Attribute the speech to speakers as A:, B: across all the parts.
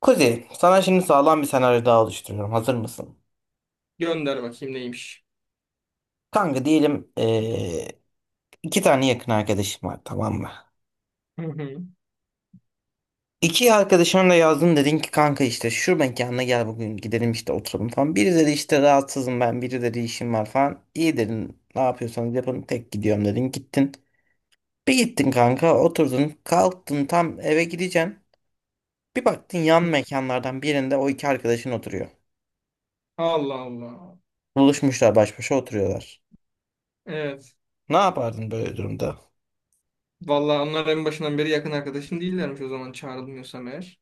A: Kuzey, sana şimdi sağlam bir senaryo daha oluşturuyorum. Hazır mısın?
B: Gönder bakayım neymiş.
A: Kanka diyelim iki tane yakın arkadaşım var, tamam mı?
B: Hı hı.
A: İki arkadaşına da yazdın, dedin ki kanka işte şu mekana gel, bugün gidelim işte oturalım falan. Biri dedi işte rahatsızım ben, biri dedi işim var falan. İyi dedin, ne yapıyorsanız yapın, tek gidiyorum dedin, gittin. Bir gittin kanka, oturdun kalktın, tam eve gideceksin. Bir baktın yan mekanlardan birinde o iki arkadaşın oturuyor.
B: Allah Allah.
A: Buluşmuşlar, baş başa oturuyorlar.
B: Evet.
A: Ne yapardın böyle durumda?
B: Vallahi onlar en başından beri yakın arkadaşım değillermiş o zaman çağrılmıyorsam eğer.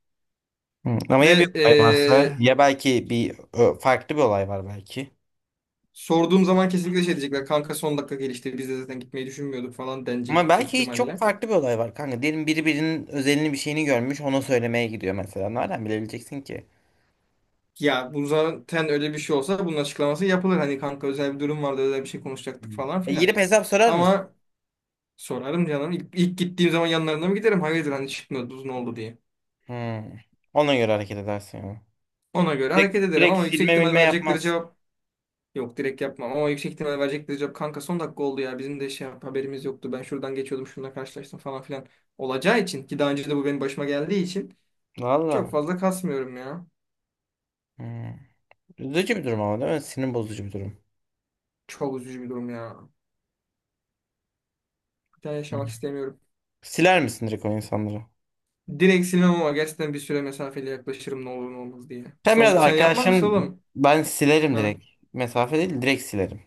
A: Hı, ama ya bir
B: Ve
A: olay varsa, ya belki bir farklı bir olay var belki.
B: sorduğum zaman kesinlikle şey diyecekler. Kanka son dakika gelişti. Biz de zaten gitmeyi düşünmüyorduk falan denecek
A: Ama
B: yüksek
A: belki hiç çok
B: ihtimalle.
A: farklı bir olay var kanka. Diyelim biri birinin özelini, bir şeyini görmüş, ona söylemeye gidiyor mesela. Nereden bilebileceksin ki?
B: Ya bu zaten öyle bir şey olsa bunun açıklaması yapılır. Hani kanka özel bir durum vardı özel bir şey konuşacaktık
A: Hmm.
B: falan
A: E,
B: filan.
A: girip hesap sorar mısın?
B: Ama sorarım canım. İlk gittiğim zaman yanlarına mı giderim? Hayırdır hani çıkmıyoruz ne oldu diye.
A: Hı. Ona göre hareket edersin ya.
B: Ona göre hareket
A: Direkt,
B: ederim
A: direkt
B: ama yüksek
A: silme
B: ihtimal
A: bilme
B: verecekleri
A: yapmaz.
B: cevap. Yok, direkt yapmam ama yüksek ihtimal verecektir cevap. Kanka son dakika oldu ya bizim de haberimiz yoktu. Ben şuradan geçiyordum şununla karşılaştım falan filan. Olacağı için ki daha önce de bu benim başıma geldiği için çok
A: Valla.
B: fazla kasmıyorum ya.
A: Hı. Üzücü bir durum ama, değil mi? Sinir bozucu bir durum.
B: Çok üzücü bir durum ya. Bir daha
A: Hı.
B: yaşamak istemiyorum.
A: Siler misin direkt o insanları?
B: Direkt silmem ama gerçekten bir süre mesafeli yaklaşırım ne olur ne olmaz diye.
A: Sen biraz
B: Sen yapmaz mısın
A: arkadaşım,
B: oğlum?
A: ben silerim
B: Ha.
A: direkt. Mesafe değil, direkt silerim.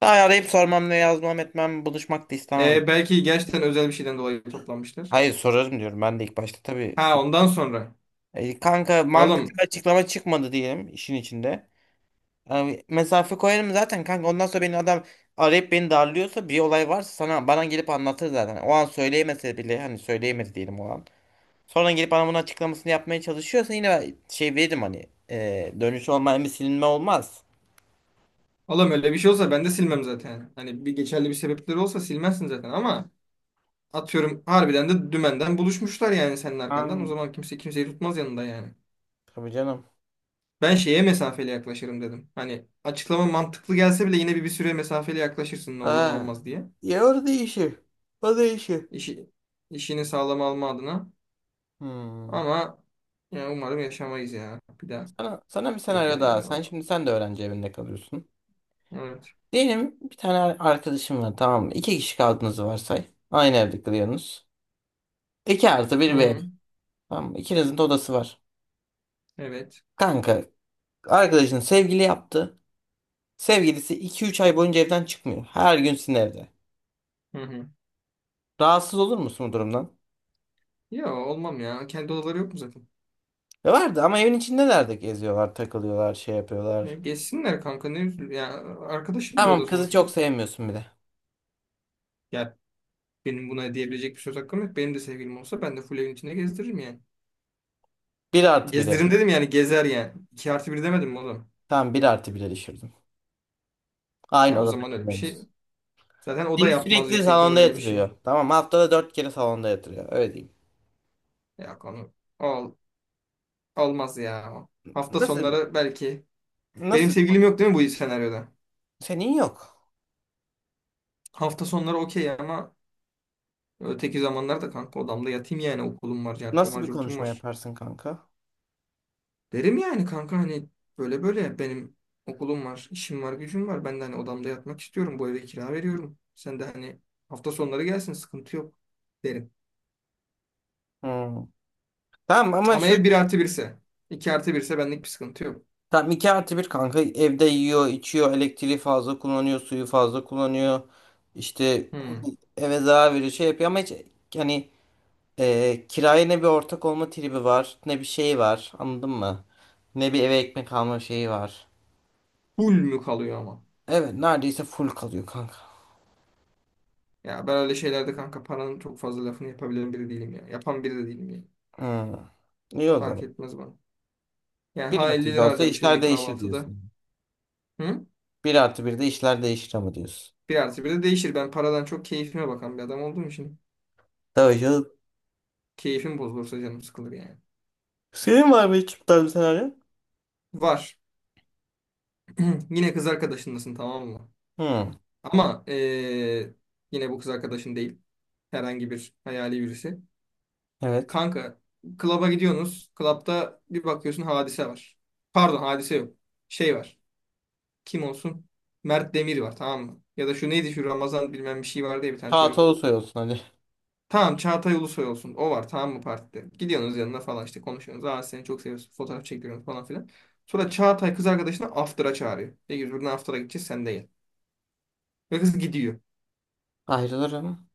A: Daha arayıp sormam, ne yazmam etmem, buluşmak da istemem.
B: E, belki gerçekten özel bir şeyden dolayı toplanmıştır.
A: Hayır, sorarım diyorum ben de ilk başta tabii.
B: Ha ondan sonra.
A: E, kanka mantıklı
B: Oğlum,
A: bir açıklama çıkmadı diyelim işin içinde. Yani mesafe koyarım zaten kanka, ondan sonra beni adam arayıp beni darlıyorsa, bir olay varsa sana bana gelip anlatır zaten. O an söyleyemese bile, hani söyleyemedi diyelim o an. Sonra gelip bana bunun açıklamasını yapmaya çalışıyorsa, yine ben şey veririm, hani dönüş olmayan bir silinme olmaz.
B: oğlum öyle bir şey olsa ben de silmem zaten. Hani bir geçerli bir sebepleri olsa silmezsin zaten ama atıyorum harbiden de dümenden buluşmuşlar yani senin arkandan. O
A: Aynen.
B: zaman kimse kimseyi tutmaz yanında yani.
A: Tabii canım.
B: Ben şeye mesafeli yaklaşırım dedim. Hani açıklama mantıklı gelse bile yine bir süre mesafeli yaklaşırsın ne olur ne
A: Ha.
B: olmaz diye.
A: Ya orada işi. O da işi.
B: İşi, işini sağlam alma adına.
A: Hmm.
B: Ama yani umarım yaşamayız ya. Bir daha
A: Sana bir
B: yeter
A: senaryo daha.
B: yani
A: Sen
B: bana.
A: şimdi, sen de öğrenci evinde kalıyorsun.
B: Evet.
A: Diyelim bir tane arkadaşım var, tamam mı? İki kişi kaldığınızı varsay. Aynı evde kalıyorsunuz. İki artı bir bir ev.
B: Hı,
A: Tamam mı? İkinizin de odası var.
B: evet.
A: Kanka arkadaşın sevgili yaptı. Sevgilisi iki üç ay boyunca evden çıkmıyor. Her gün sizin evde.
B: Hı hı.
A: Rahatsız olur musun bu durumdan?
B: Ya olmam ya. Kendi odaları yok mu zaten?
A: Ya vardı ama evin içindeler, de geziyorlar, takılıyorlar, şey
B: Ya,
A: yapıyorlar.
B: geçsinler kanka ne üzül. Ya arkadaşımdır o
A: Tamam,
B: da
A: kızı çok
B: sonuçta.
A: sevmiyorsun bile.
B: Ya benim buna diyebilecek bir söz hakkım yok. Benim de sevgilim olsa ben de full evin içinde gezdiririm yani.
A: Bir artı biri.
B: Gezdiririm dedim yani gezer yani. İki artı bir demedim mi oğlum?
A: Tamam, bir artı bire düşürdüm. Aynı
B: Ya o
A: odada
B: zaman öyle bir şey.
A: kalıyorsunuz.
B: Zaten o da
A: Seni
B: yapmaz
A: sürekli
B: yüksek ihtimal
A: salonda
B: öyle bir şey.
A: yatırıyor. Tamam, haftada dört kere salonda yatırıyor. Öyle diyeyim.
B: Ya konu ol, olmaz ya. Hafta
A: Nasıl
B: sonları belki. Benim
A: nasıl
B: sevgilim yok değil mi bu senaryoda?
A: senin yok.
B: Hafta sonları okey ama öteki zamanlarda kanka odamda yatayım yani okulum var, cartım
A: Nasıl
B: var,
A: bir
B: curtum
A: konuşma
B: var.
A: yaparsın kanka?
B: Derim yani kanka hani böyle böyle benim okulum var, işim var, gücüm var. Ben de hani odamda yatmak istiyorum. Bu eve kira veriyorum. Sen de hani hafta sonları gelsin, sıkıntı yok derim.
A: Hmm. Tamam ama
B: Ama ev
A: şöyle bir
B: bir
A: şey.
B: artı birse, 2 artı birse ise benlik bir sıkıntı yok.
A: Tamam, 2 artı 1 kanka evde yiyor, içiyor, elektriği fazla kullanıyor, suyu fazla kullanıyor. İşte
B: Hmm.
A: eve zarar veriyor, şey yapıyor ama hiç, yani kiraya ne bir ortak olma tribi var, ne bir şey var, anladın mı? Ne bir eve ekmek alma şeyi var.
B: Full mü kalıyor ama?
A: Evet, neredeyse full kalıyor kanka.
B: Ya ben öyle şeylerde kanka paranın çok fazla lafını yapabilen biri değilim ya. Yapan biri de değilim yani.
A: Hmm. İyi o
B: Fark
A: zaman.
B: etmez bana. Yani
A: Bir
B: ha
A: artı
B: 50
A: bir
B: lira
A: olsa
B: harcamışım
A: işler
B: bir
A: değişir
B: kahvaltıda.
A: diyorsun.
B: Hı?
A: Bir artı bir de işler değişir ama diyorsun.
B: Bir artı 1 de değişir. Ben paradan çok keyfime bakan bir adam olduğum için
A: Tabii canım.
B: keyfim bozulursa canım sıkılır yani.
A: Senin var mı hiç bu tarz bir senaryo?
B: Var. Yine kız arkadaşındasın tamam mı?
A: Hmm,
B: Ama yine bu kız arkadaşın değil. Herhangi bir hayali birisi.
A: evet.
B: Kanka klaba gidiyorsunuz. Klapta bir bakıyorsun hadise var. Pardon, hadise yok. Şey var. Kim olsun? Mert Demir var tamam mı? Ya da şu neydi şu Ramazan bilmem bir şey vardı ya, bir tane
A: Rahat
B: çocuk.
A: Ulusoy olsun hadi.
B: Tamam, Çağatay Ulusoy olsun. O var tamam mı partide? Gidiyorsunuz yanına falan işte konuşuyorsunuz. Aa seni çok seviyoruz. Fotoğraf çekiyorsunuz falan filan. Sonra Çağatay kız arkadaşını after'a çağırıyor. Diyor ki buradan after'a gideceğiz sen de gel. Ve kız gidiyor.
A: Ayrılırım.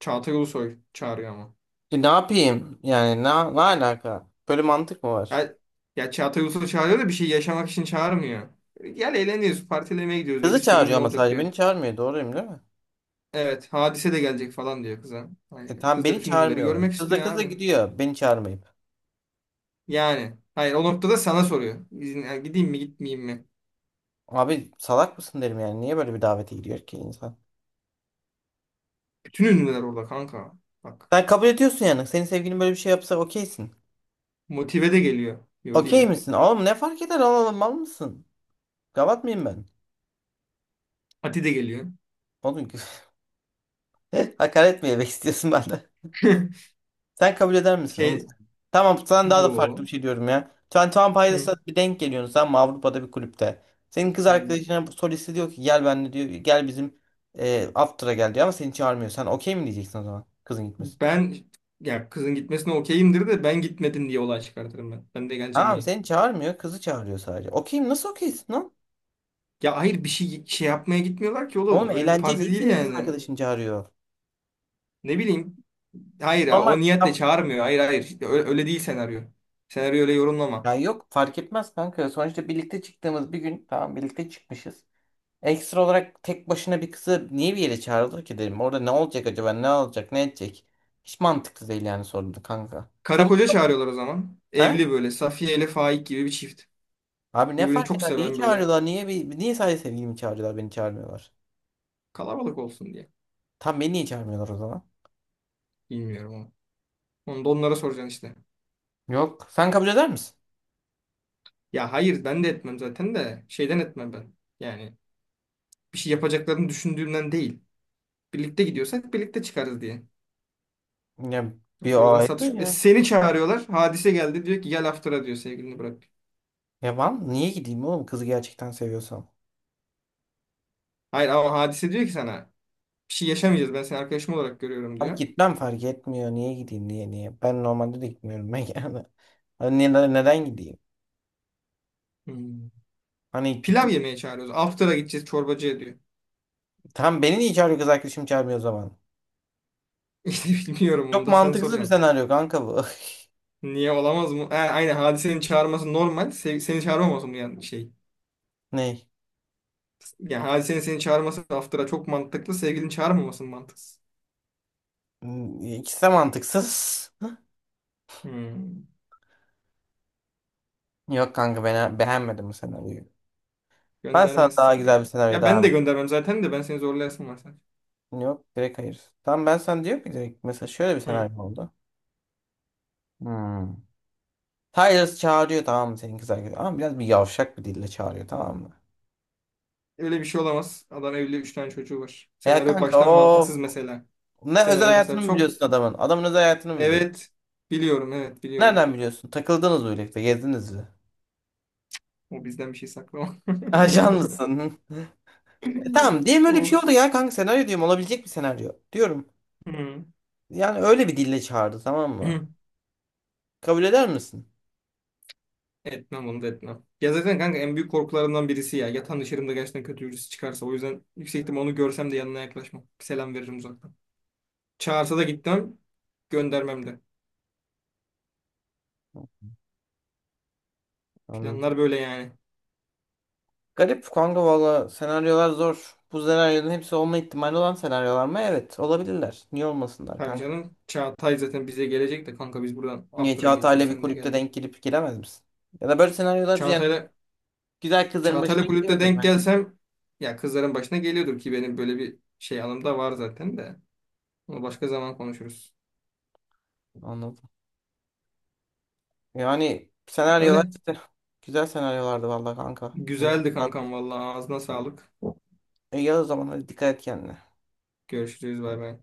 B: Çağatay Ulusoy çağırıyor ama.
A: E, ne yapayım? Yani ne alaka? Böyle mantık mı var?
B: Ya, ya Çağatay Ulusoy çağırıyor da bir şey yaşamak için çağırmıyor. Gel eğleniyoruz, partilemeye gidiyoruz diyor. Bir
A: Kızı
B: sürü
A: çağırıyor
B: ünlü
A: ama
B: olacak
A: sadece beni
B: diyor.
A: çağırmıyor. Doğruyum, değil mi?
B: Evet, Hadise de gelecek falan diyor kıza. Hani
A: E tamam,
B: kız da
A: beni
B: bütün ünlüleri
A: çağırmıyorlar.
B: görmek
A: Kız da
B: istiyor
A: kız da
B: abi.
A: gidiyor, beni çağırmayıp.
B: Yani. Hayır, o noktada sana soruyor. İzin, yani gideyim mi gitmeyeyim mi?
A: Abi salak mısın derim yani. Niye böyle bir davete gidiyor ki insan?
B: Bütün ünlüler orada kanka. Bak.
A: Sen kabul ediyorsun yani. Senin sevgilin böyle bir şey yapsa okeysin.
B: Motive de geliyor. Yo,
A: Okey
B: değilim.
A: misin? Oğlum, ne fark eder? Oğlum, mal mısın? Gavat mıyım ben?
B: Ati de geliyor.
A: Oğlum hakaret mi yemek istiyorsun benden? Sen kabul eder misin onu?
B: Şey
A: Tamam, sana daha da farklı
B: yo.
A: bir şey diyorum ya. Sen Tom Pilots'a
B: Hı.
A: bir denk geliyorsun sen Avrupa'da bir kulüpte. Senin kız
B: Aynen.
A: arkadaşına bu solisti diyor ki gel benimle diyor, gel bizim after'a gel diyor ama seni çağırmıyor. Sen okey mi diyeceksin o zaman, kızın gitmesin?
B: Ben ya kızın gitmesine okeyimdir de ben gitmedim diye olay çıkartırım ben. Ben de geleceğim
A: Tamam,
B: diye.
A: seni çağırmıyor, kızı çağırıyor sadece. Okey mi? Nasıl okeysin lan?
B: Ya hayır, bir şey şey yapmaya gitmiyorlar ki
A: Oğlum,
B: oğlum. Öyle bir
A: eğlence
B: parti
A: niye
B: değil
A: senin kız
B: yani.
A: arkadaşını çağırıyor?
B: Ne bileyim. Hayır
A: Normal.
B: o niyetle çağırmıyor. Hayır hayır. İşte öyle, öyle değil senaryo. Senaryo öyle yorumlama.
A: Ya yok, fark etmez kanka. Sonuçta birlikte çıktığımız bir gün, tamam, birlikte çıkmışız. Ekstra olarak tek başına bir kızı niye bir yere çağırılır ki dedim. Orada ne olacak acaba? Ne olacak? Ne edecek? Hiç mantıklı değil yani, sordu kanka.
B: Karı
A: Sen bu.
B: koca çağırıyorlar o zaman.
A: He?
B: Evli böyle. Safiye ile Faik gibi bir çift.
A: Abi ne
B: Birbirini
A: fark
B: çok
A: eder? Niye
B: seven böyle.
A: çağırıyorlar? Niye sadece sevgilimi çağırıyorlar? Beni çağırmıyorlar.
B: Kalabalık olsun diye.
A: Tam beni niye çağırmıyorlar o zaman?
B: Bilmiyorum ama. Onu da onlara soracaksın işte.
A: Yok. Sen kabul eder misin?
B: Ya hayır ben de etmem zaten de. Şeyden etmem ben. Yani bir şey yapacaklarını düşündüğümden değil. Birlikte gidiyorsak birlikte çıkarız diye.
A: Ya bir o
B: Sonradan satış.
A: ayrı
B: E,
A: ya.
B: seni çağırıyorlar. Hadise geldi diyor ki gel after'a diyor, sevgilini bırak.
A: Ya ben niye gideyim oğlum, kızı gerçekten seviyorsam?
B: Hayır ama Hadise diyor ki sana bir şey yaşamayacağız, ben seni arkadaşım olarak görüyorum
A: Abi
B: diyor.
A: gitmem, fark etmiyor. Niye gideyim, niye niye? Ben normalde de gitmiyorum ben yani. Hani neden gideyim?
B: Hmm.
A: Hani
B: Pilav
A: gittim.
B: yemeye çağırıyoruz. After'a gideceğiz çorbacıya diyor.
A: Tam beni niye çağırıyor, kız arkadaşım çağırmıyor o zaman?
B: İşte bilmiyorum onu
A: Çok
B: da sen
A: mantıksız bir
B: soracaksın.
A: senaryo kanka bu.
B: Niye olamaz mı? Ha, aynen Hadise'nin çağırması normal. Seni çağırmaması mı yani şey?
A: Ney?
B: Yani Hadise'nin seni çağırması after'a çok mantıklı. Sevgilini çağırmaması mı mantıksız?
A: Hmm, İkisi de mantıksız.
B: Hmm.
A: Yok kanka, ben beğenmedim bu senaryoyu. Ben sana daha
B: Göndermezsin
A: güzel bir
B: ya.
A: senaryo
B: Ya ben
A: daha.
B: de göndermem zaten de ben seni zorlayasın var sen.
A: Yok, direkt hayır. Tamam, ben sana diyorum ki direkt mesela şöyle bir
B: Hı.
A: senaryo oldu. Hmm. Tyler çağırıyor, tamam mı, senin kız arkadaşı ama biraz bir yavşak bir dille çağırıyor, tamam mı?
B: Öyle bir şey olamaz. Adam evli, 3 tane çocuğu var.
A: Ya
B: Senaryo
A: kanka,
B: baştan
A: of.
B: mantıksız mesela.
A: Ne, özel
B: Senaryo mesela
A: hayatını mı
B: çok.
A: biliyorsun adamın? Adamın özel hayatını mı biliyorsun?
B: Evet. Biliyorum, evet biliyorum.
A: Nereden biliyorsun? Takıldınız mı birlikte? Gezdiniz mi?
B: O bizden bir şey saklama.
A: Ajan mısın? E, tamam, diyelim öyle bir şey oldu
B: Of.
A: ya kanka, senaryo diyorum, olabilecek bir senaryo. Diyorum.
B: Hmm.
A: Yani öyle bir dille çağırdı, tamam mı? Kabul eder misin?
B: Etmem, onu da etmem. Ya zaten kanka en büyük korkularımdan birisi ya. Yatağın dışarımda gerçekten kötü birisi çıkarsa. O yüzden yüksek ihtimal onu görsem de yanına yaklaşmam. Selam veririm uzaktan. Çağırsa da gitmem. Göndermem de.
A: Anladım.
B: Planlar böyle yani.
A: Garip kanka, valla senaryolar zor. Bu senaryoların hepsi olma ihtimali olan senaryolar mı? Evet, olabilirler. Niye olmasınlar
B: Tabii
A: kanka?
B: canım. Çağatay zaten bize gelecek de kanka biz buradan
A: Niye
B: after'a geçiyoruz.
A: Çağatay'la bir
B: Sen de
A: kulüpte
B: gel.
A: denk gelip giremez misin? Ya da böyle senaryolar yani
B: Çağatay'la
A: güzel kızların başına
B: Çağatay'la kulüpte
A: geliyordur
B: denk
A: bence.
B: gelsem, ya kızların başına geliyordur ki benim böyle bir şey anım da var zaten de. Onu başka zaman konuşuruz.
A: Anladım. Yani senaryolar
B: Öyle.
A: işte güzel senaryolardı valla kanka. Emin ol.
B: Güzeldi kankam, vallahi ağzına sağlık.
A: İyi o zaman, hadi dikkat et kendine.
B: Görüşürüz, bay bay.